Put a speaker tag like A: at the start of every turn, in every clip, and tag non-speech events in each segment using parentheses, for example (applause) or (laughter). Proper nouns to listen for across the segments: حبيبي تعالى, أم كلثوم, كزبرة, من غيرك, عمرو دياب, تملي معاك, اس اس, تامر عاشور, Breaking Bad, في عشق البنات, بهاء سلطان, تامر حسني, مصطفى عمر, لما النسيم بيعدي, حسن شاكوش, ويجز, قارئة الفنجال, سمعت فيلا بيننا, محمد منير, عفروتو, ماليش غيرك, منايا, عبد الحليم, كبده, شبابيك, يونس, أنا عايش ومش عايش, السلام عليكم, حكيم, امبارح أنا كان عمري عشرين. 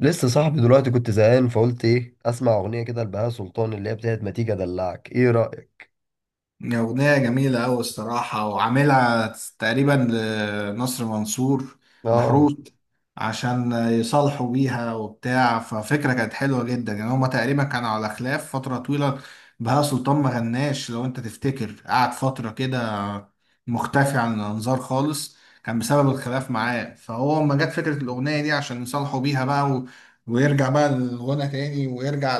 A: لسه صاحبي دلوقتي كنت زهقان فقلت ايه، اسمع اغنيه كده لبهاء سلطان اللي هي بتاعت ما تيجي ادلعك. ايه رايك؟
B: أغنية جميلة أوي الصراحة وعاملها تقريبا لنصر منصور
A: اه.
B: محروس عشان يصالحوا بيها وبتاع، ففكرة كانت حلوة جدا. يعني هما تقريبا كانوا على خلاف فترة طويلة. بهاء سلطان ما غناش، لو أنت تفتكر قعد فترة كده مختفي عن الأنظار خالص، كان بسبب الخلاف معاه. فهو لما جت فكرة الأغنية دي عشان يصالحوا بيها بقى و... ويرجع بقى الغنى تاني، ويرجع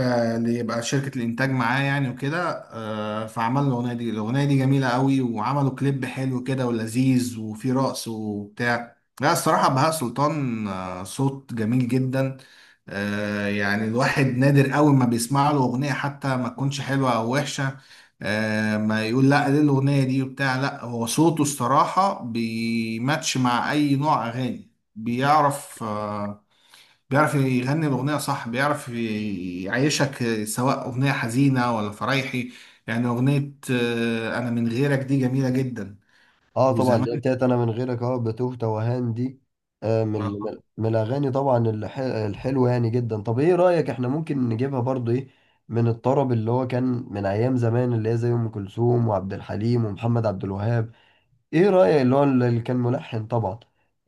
B: اللي يبقى شركة الإنتاج معاه يعني وكده. فعمل الأغنية دي. الأغنية دي جميلة قوي، وعملوا كليب حلو كده ولذيذ وفيه رقص وبتاع. لا الصراحة بهاء سلطان، صوت جميل جدا. يعني الواحد نادر قوي ما بيسمع له أغنية حتى ما تكونش حلوة أو وحشة. ما يقول لا ليه الأغنية دي وبتاع. لا، هو صوته الصراحة بيماتش مع أي نوع أغاني. بيعرف، بيعرف يغني الأغنية صح، بيعرف يعيشك سواء أغنية حزينة ولا فرايحي. يعني أغنية أنا من غيرك دي جميلة جدا
A: اه طبعا، اللي هي
B: وزمان.
A: بتاعت انا من غيرك، اه بتوه توهان دي. آه، من
B: آه.
A: من من الاغاني طبعا، الحلوه يعني جدا. طب ايه رايك، احنا ممكن نجيبها برضو ايه من الطرب اللي هو كان من ايام زمان، اللي هي زي ام كلثوم وعبد الحليم ومحمد عبد الوهاب؟ ايه رأيك اللي هو اللي كان ملحن طبعا؟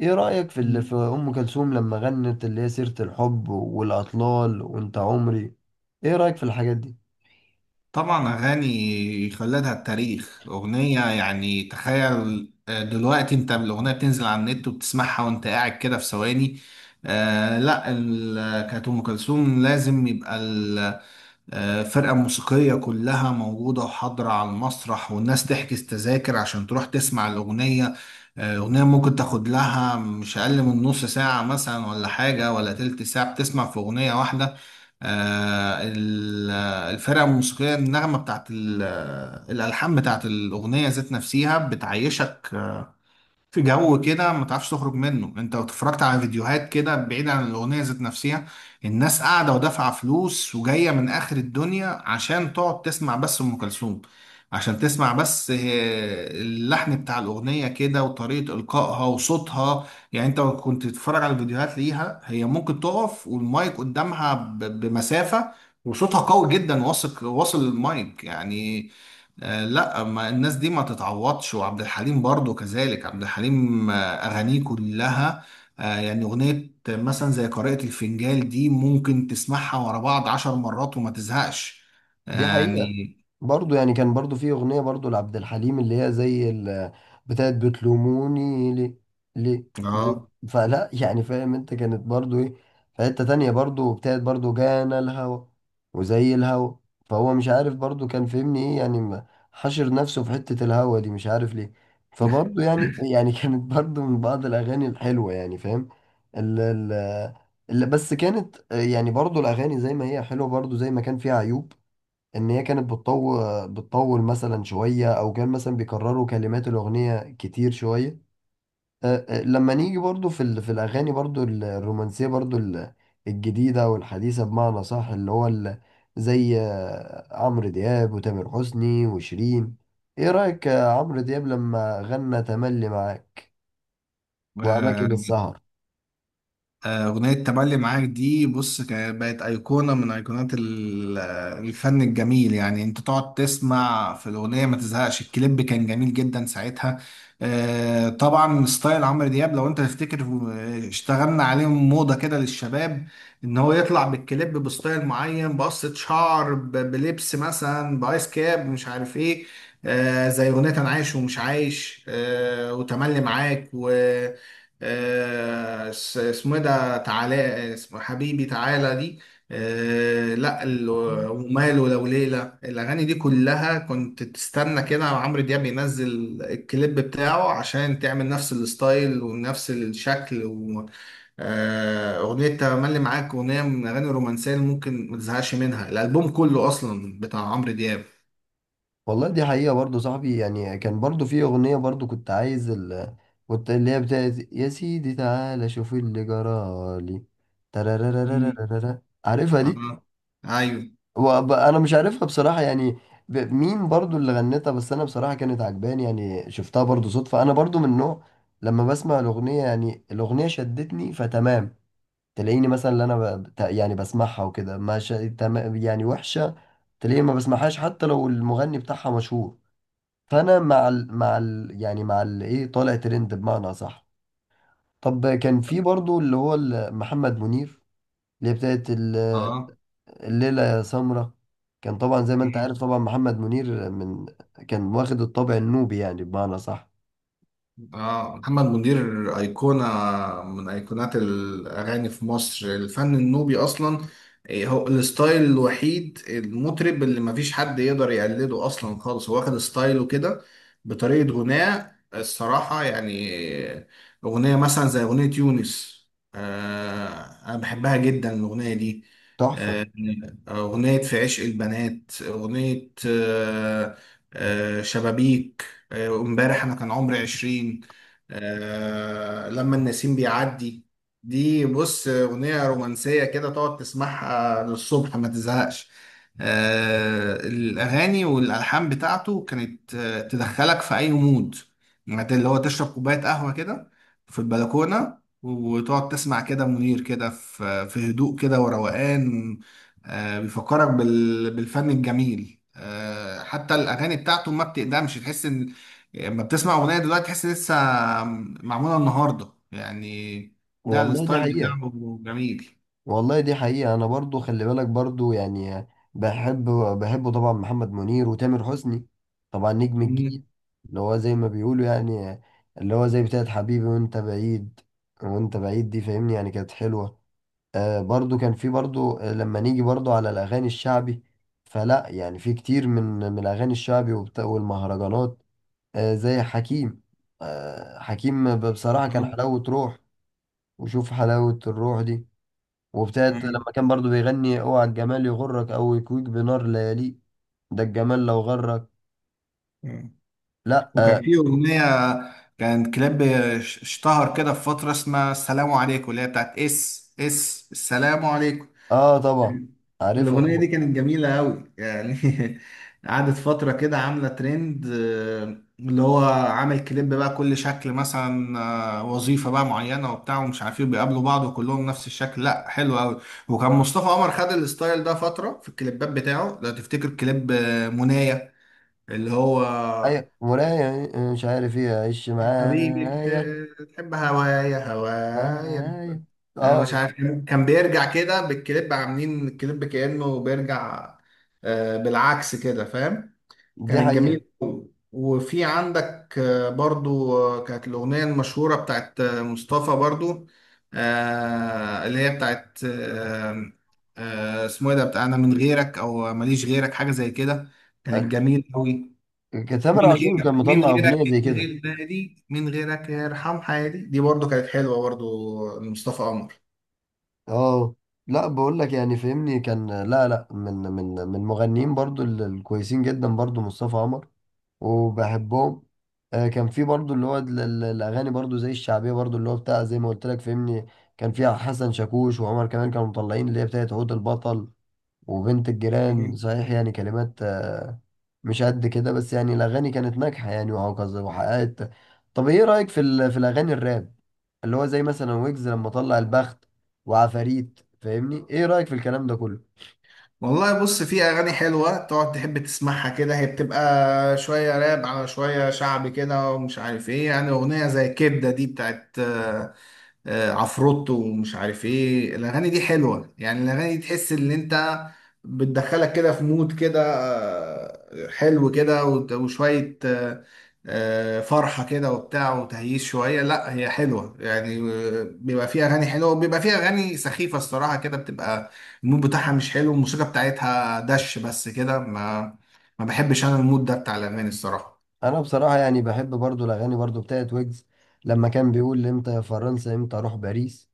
A: ايه رأيك في اللي في
B: (laughs)
A: ام كلثوم لما غنت اللي هي سيرة الحب والاطلال وانت عمري؟ ايه رأيك في الحاجات دي؟
B: طبعا أغاني خلدها التاريخ. أغنية، يعني تخيل، دلوقتي أنت الأغنية بتنزل على النت وبتسمعها وأنت قاعد كده في ثواني. آه لا، كانت أم كلثوم لازم يبقى فرقة موسيقية كلها موجودة وحاضرة على المسرح، والناس تحجز تذاكر عشان تروح تسمع الأغنية. أغنية ممكن تاخد لها مش أقل من نص ساعة مثلا ولا حاجة، ولا تلت ساعة بتسمع في أغنية واحدة. الفرقة الموسيقية، النغمة بتاعت الألحان بتاعت الأغنية ذات نفسها بتعيشك في جو كده ما تعرفش تخرج منه. انت لو اتفرجت على فيديوهات كده بعيد عن الاغنيه ذات نفسها، الناس قاعده ودافعه فلوس وجايه من اخر الدنيا عشان تقعد تسمع بس ام كلثوم، عشان تسمع بس اللحن بتاع الاغنيه كده وطريقه القائها وصوتها. يعني انت لو كنت تتفرج على الفيديوهات ليها، هي ممكن تقف والمايك قدامها بمسافه وصوتها قوي جدا واصل، واصل المايك يعني. لا، ما الناس دي ما تتعوضش. وعبد الحليم برضو كذلك. عبد الحليم أغانيه كلها يعني أغنية مثلا زي قارئة الفنجال دي ممكن تسمعها ورا بعض 10 مرات وما تزهقش
A: دي حقيقة.
B: يعني.
A: برضو يعني كان برضو في أغنية برضو لعبد الحليم اللي هي زي بتاعت بتلوموني ليه، ليه، ليه.
B: اه.
A: فلا يعني، فاهم انت؟ كانت برضو ايه، في حتة تانية برضو بتاعت برضو جانا الهوى وزي الهوى. فهو مش عارف برضو كان فهمني ايه يعني، حشر نفسه في حتة الهوى دي مش عارف ليه.
B: (laughs)
A: فبرضو يعني (laughs) كانت برضو من بعض الأغاني الحلوة، يعني فاهم. ال ال بس كانت، آه، يعني برضو الأغاني زي ما هي حلوة برضو زي ما كان فيها عيوب. ان هي كانت بتطول بتطول مثلا شويه، او كان مثلا بيكرروا كلمات الاغنيه كتير شويه. أه، لما نيجي برضو في في الاغاني برضو الرومانسيه برضو الجديده والحديثه بمعنى صح، اللي هو ال- زي، عمرو دياب وتامر حسني وشيرين. ايه رايك عمرو دياب لما غنى تملي معاك
B: آه،
A: واماكن السهر؟
B: أغنية تملي معاك دي، بص، كانت بقت أيقونة من أيقونات الفن الجميل. يعني أنت تقعد تسمع في الأغنية ما تزهقش. الكليب كان جميل جدا ساعتها. طبعا ستايل عمرو دياب، لو أنت تفتكر، اشتغلنا عليهم موضة كده للشباب، إن هو يطلع بالكليب بستايل معين بقصة شعر، بلبس مثلا بآيس كاب مش عارف إيه. زي أغنية أنا عايش ومش عايش، وتملي معاك و اسمه ايه ده، تعالى، اسمه حبيبي تعالى دي. آه لا وماله لو ليلة. الأغاني دي كلها كنت تستنى كده عمرو دياب ينزل الكليب بتاعه عشان تعمل نفس الستايل ونفس الشكل أغنية تملي معاك، أغنية من الأغاني الرومانسية اللي ممكن ما تزهقش منها. الألبوم كله أصلا بتاع عمرو دياب.
A: والله دي حقيقة برضه صاحبي، يعني كان برضه في أغنية برضه كنت عايز كنت اللي هي بتاعت يا سيدي تعالى شوف اللي جرالي،
B: مم.
A: ترارارارارارارا. عارفها دي؟
B: اه. أيوه.
A: أنا مش عارفها بصراحة يعني. مين برضه اللي غنتها؟ بس أنا بصراحة كانت عجباني يعني، شفتها برضه صدفة. أنا برضه من نوع لما بسمع الأغنية يعني الأغنية شدتني، فتمام، تلاقيني مثلا اللي أنا يعني بسمعها وكده. ما ش... تمام، يعني وحشة. تلاقيني ما بسمعهاش حتى لو المغني بتاعها مشهور. فانا مع ال ايه، طالع ترند بمعنى صح. طب كان في برضو اللي هو محمد منير اللي هي بتاعت
B: اه.
A: الليلة يا سمرة. كان طبعا زي ما انت عارف، طبعا محمد منير من كان واخد الطابع النوبي يعني بمعنى صح.
B: آه محمد منير أيقونة من أيقونات الأغاني في مصر. الفن النوبي أصلا، إيه، هو الستايل الوحيد. المطرب اللي مفيش حد يقدر يقلده أصلا خالص، هو واخد ستايله كده بطريقة غناء الصراحة يعني. أغنية مثلا زي أغنية يونس، آه، أنا بحبها جدا الأغنية دي.
A: تحفة.
B: آه، أغنية في عشق البنات، أغنية شبابيك، امبارح أنا كان عمري 20، لما النسيم بيعدي. دي بص أغنية رومانسية كده تقعد تسمعها للصبح ما تزهقش. الأغاني والألحان بتاعته كانت تدخلك في أي مود. يعني اللي هو تشرب كوباية قهوة كده في البلكونة وتقعد تسمع كده منير كده في هدوء كده وروقان. بيفكرك بالفن الجميل. حتى الأغاني بتاعته ما بتقدمش، تحس إن لما بتسمع أغنية دلوقتي تحس لسه معمولة النهاردة يعني. ده
A: والله دي
B: الستايل
A: حقيقة.
B: بتاعه جميل.
A: والله دي حقيقة، أنا برضو خلي بالك برضو يعني، بحب، بحبه طبعا محمد منير وتامر حسني طبعا نجم الجيل
B: مم.
A: اللي هو زي ما بيقولوا يعني، اللي هو زي بتاعت حبيبي وأنت بعيد. وأنت بعيد دي فاهمني، يعني كانت حلوة. آه برضو كان في برضو، لما نيجي برضو على الأغاني الشعبي، فلا يعني في كتير من من الأغاني الشعبي والمهرجانات، آه، زي حكيم. آه حكيم بصراحة كان
B: آه.
A: حلاوة روح، وشوف حلاوة الروح دي. وابتدت
B: مم.
A: لما كان برضو بيغني اوعى الجمال يغرك او يكويك بنار ليالي، ده الجمال لو غرك.
B: آه.
A: لا اه.
B: وكان في أغنية، كان كلاب اشتهر كده في فترة اسمها السلام عليكم، اللي هي بتاعت اس اس السلام عليكم.
A: آه طبعا، عارفها
B: الأغنية دي
A: طبعا.
B: كانت جميلة أوي يعني. (laughs) قعدت فترة كده عاملة ترند. اللي هو عامل كليب بقى كل شكل، مثلا وظيفة بقى معينة وبتاع ومش عارف ايه، بيقابلوا بعض وكلهم نفس الشكل. لا حلو أوي. وكان مصطفى عمر خد الستايل ده فترة في الكليبات بتاعه. لو تفتكر كليب منايا، اللي هو
A: اي مراية، مش عارف ايه، عيش
B: حبيبي
A: معايا
B: تحب هوايا هوايا.
A: معايا.
B: انا مش
A: اه.
B: عارف، كان بيرجع كده بالكليب، عاملين الكليب كأنه بيرجع بالعكس كده، فاهم.
A: دي
B: كانت
A: حقيقة.
B: جميل أوي. وفي عندك برضو كانت الأغنية المشهورة بتاعت مصطفى برضو اللي هي بتاعت اسمه ايه ده، بتاع انا من غيرك او ماليش غيرك، حاجة زي كده. كانت
A: ال-
B: جميل قوي.
A: كان تامر
B: من
A: عاشور كان
B: غيرك، من
A: مطلع
B: غيرك
A: اغنية زي
B: مش
A: كده.
B: غير نادي، من غيرك يرحم حياتي، دي برضو كانت حلوة برضو لمصطفى قمر.
A: اه. لا بقول لك يعني فهمني كان، لا لا، من مغنيين برضو الكويسين جدا برضو مصطفى عمر، وبحبهم. آه، كان في برضو اللي هو الاغاني برضو زي الشعبيه برضو اللي هو بتاع، زي ما قلت لك فهمني، كان فيها حسن شاكوش وعمر كمان كانوا مطلعين اللي هي بتاعت عود البطل وبنت الجيران صحيح. يعني كلمات، آه، مش قد كده، بس يعني الاغاني كانت ناجحه يعني وهكذا وحققت. طب ايه رايك في في الاغاني الراب اللي هو زي مثلا ويجز لما طلع البخت وعفاريت؟ فاهمني ايه رايك في الكلام ده كله؟
B: والله بص، في اغاني حلوه تقعد تحب تسمعها كده. هي بتبقى شويه راب على شويه شعبي كده ومش عارف ايه. يعني اغنيه زي كبده دي بتاعت عفروتو ومش عارف ايه، الاغاني دي حلوه. يعني الاغاني دي تحس ان انت، بتدخلك كده في مود كده حلو كده وشويه فرحه كده وبتاع وتهييس شويه. لا هي حلوه يعني. بيبقى فيها اغاني حلوه وبيبقى فيها اغاني سخيفه الصراحه. كده بتبقى المود بتاعها مش حلو، الموسيقى بتاعتها دش بس كده. ما بحبش انا المود ده بتاع الاغاني الصراحه.
A: انا بصراحه يعني بحب برضو الاغاني برضو بتاعت ويجز لما كان بيقول امتى يا فرنسا، امتى اروح باريس،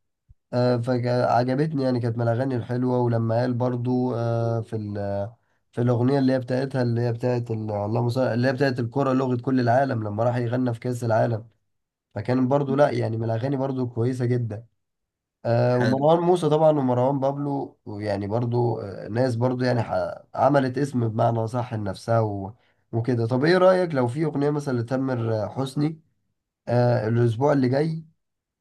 A: آه، فعجبتني يعني. كانت من الاغاني الحلوه. ولما قال برضو، آه، في في الاغنيه اللي هي بتاعتها اللي هي بتاعت اللهم صل، اللي هي بتاعت الكره لغه كل العالم لما راح يغنى في كاس العالم، فكان برضو لا يعني من الاغاني برضو كويسه جدا. آه، ومروان موسى طبعا ومروان بابلو يعني برضو، آه، ناس برضو يعني عملت اسم بمعنى صح لنفسها و- وكده. طب ايه رأيك لو في اغنية مثلا لتامر حسني، آه، الاسبوع اللي جاي،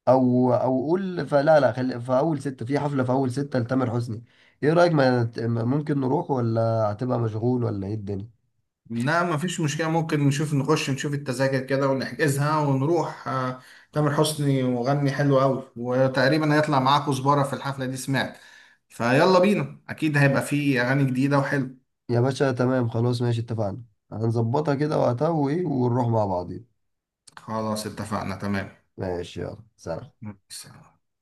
A: او قول، فلا، لا، خلي في اول ستة، في حفلة في اول ستة لتامر حسني. ايه رأيك؟ ما ممكن نروح، ولا هتبقى مشغول، ولا ايه الدنيا؟
B: لا مفيش مشكلة، ممكن نشوف نخش نشوف التذاكر كده ونحجزها ونروح. تامر حسني مغني حلو أوي، وتقريبا هيطلع معاه كزبرة في الحفلة دي، سمعت فيلا بينا. أكيد هيبقى فيه أغاني جديدة وحلو.
A: يا باشا تمام، خلاص ماشي، اتفقنا. هنظبطها كده وقتها وايه، ونروح مع بعضين.
B: خلاص اتفقنا.
A: ماشي، يلا سلام.
B: تمام.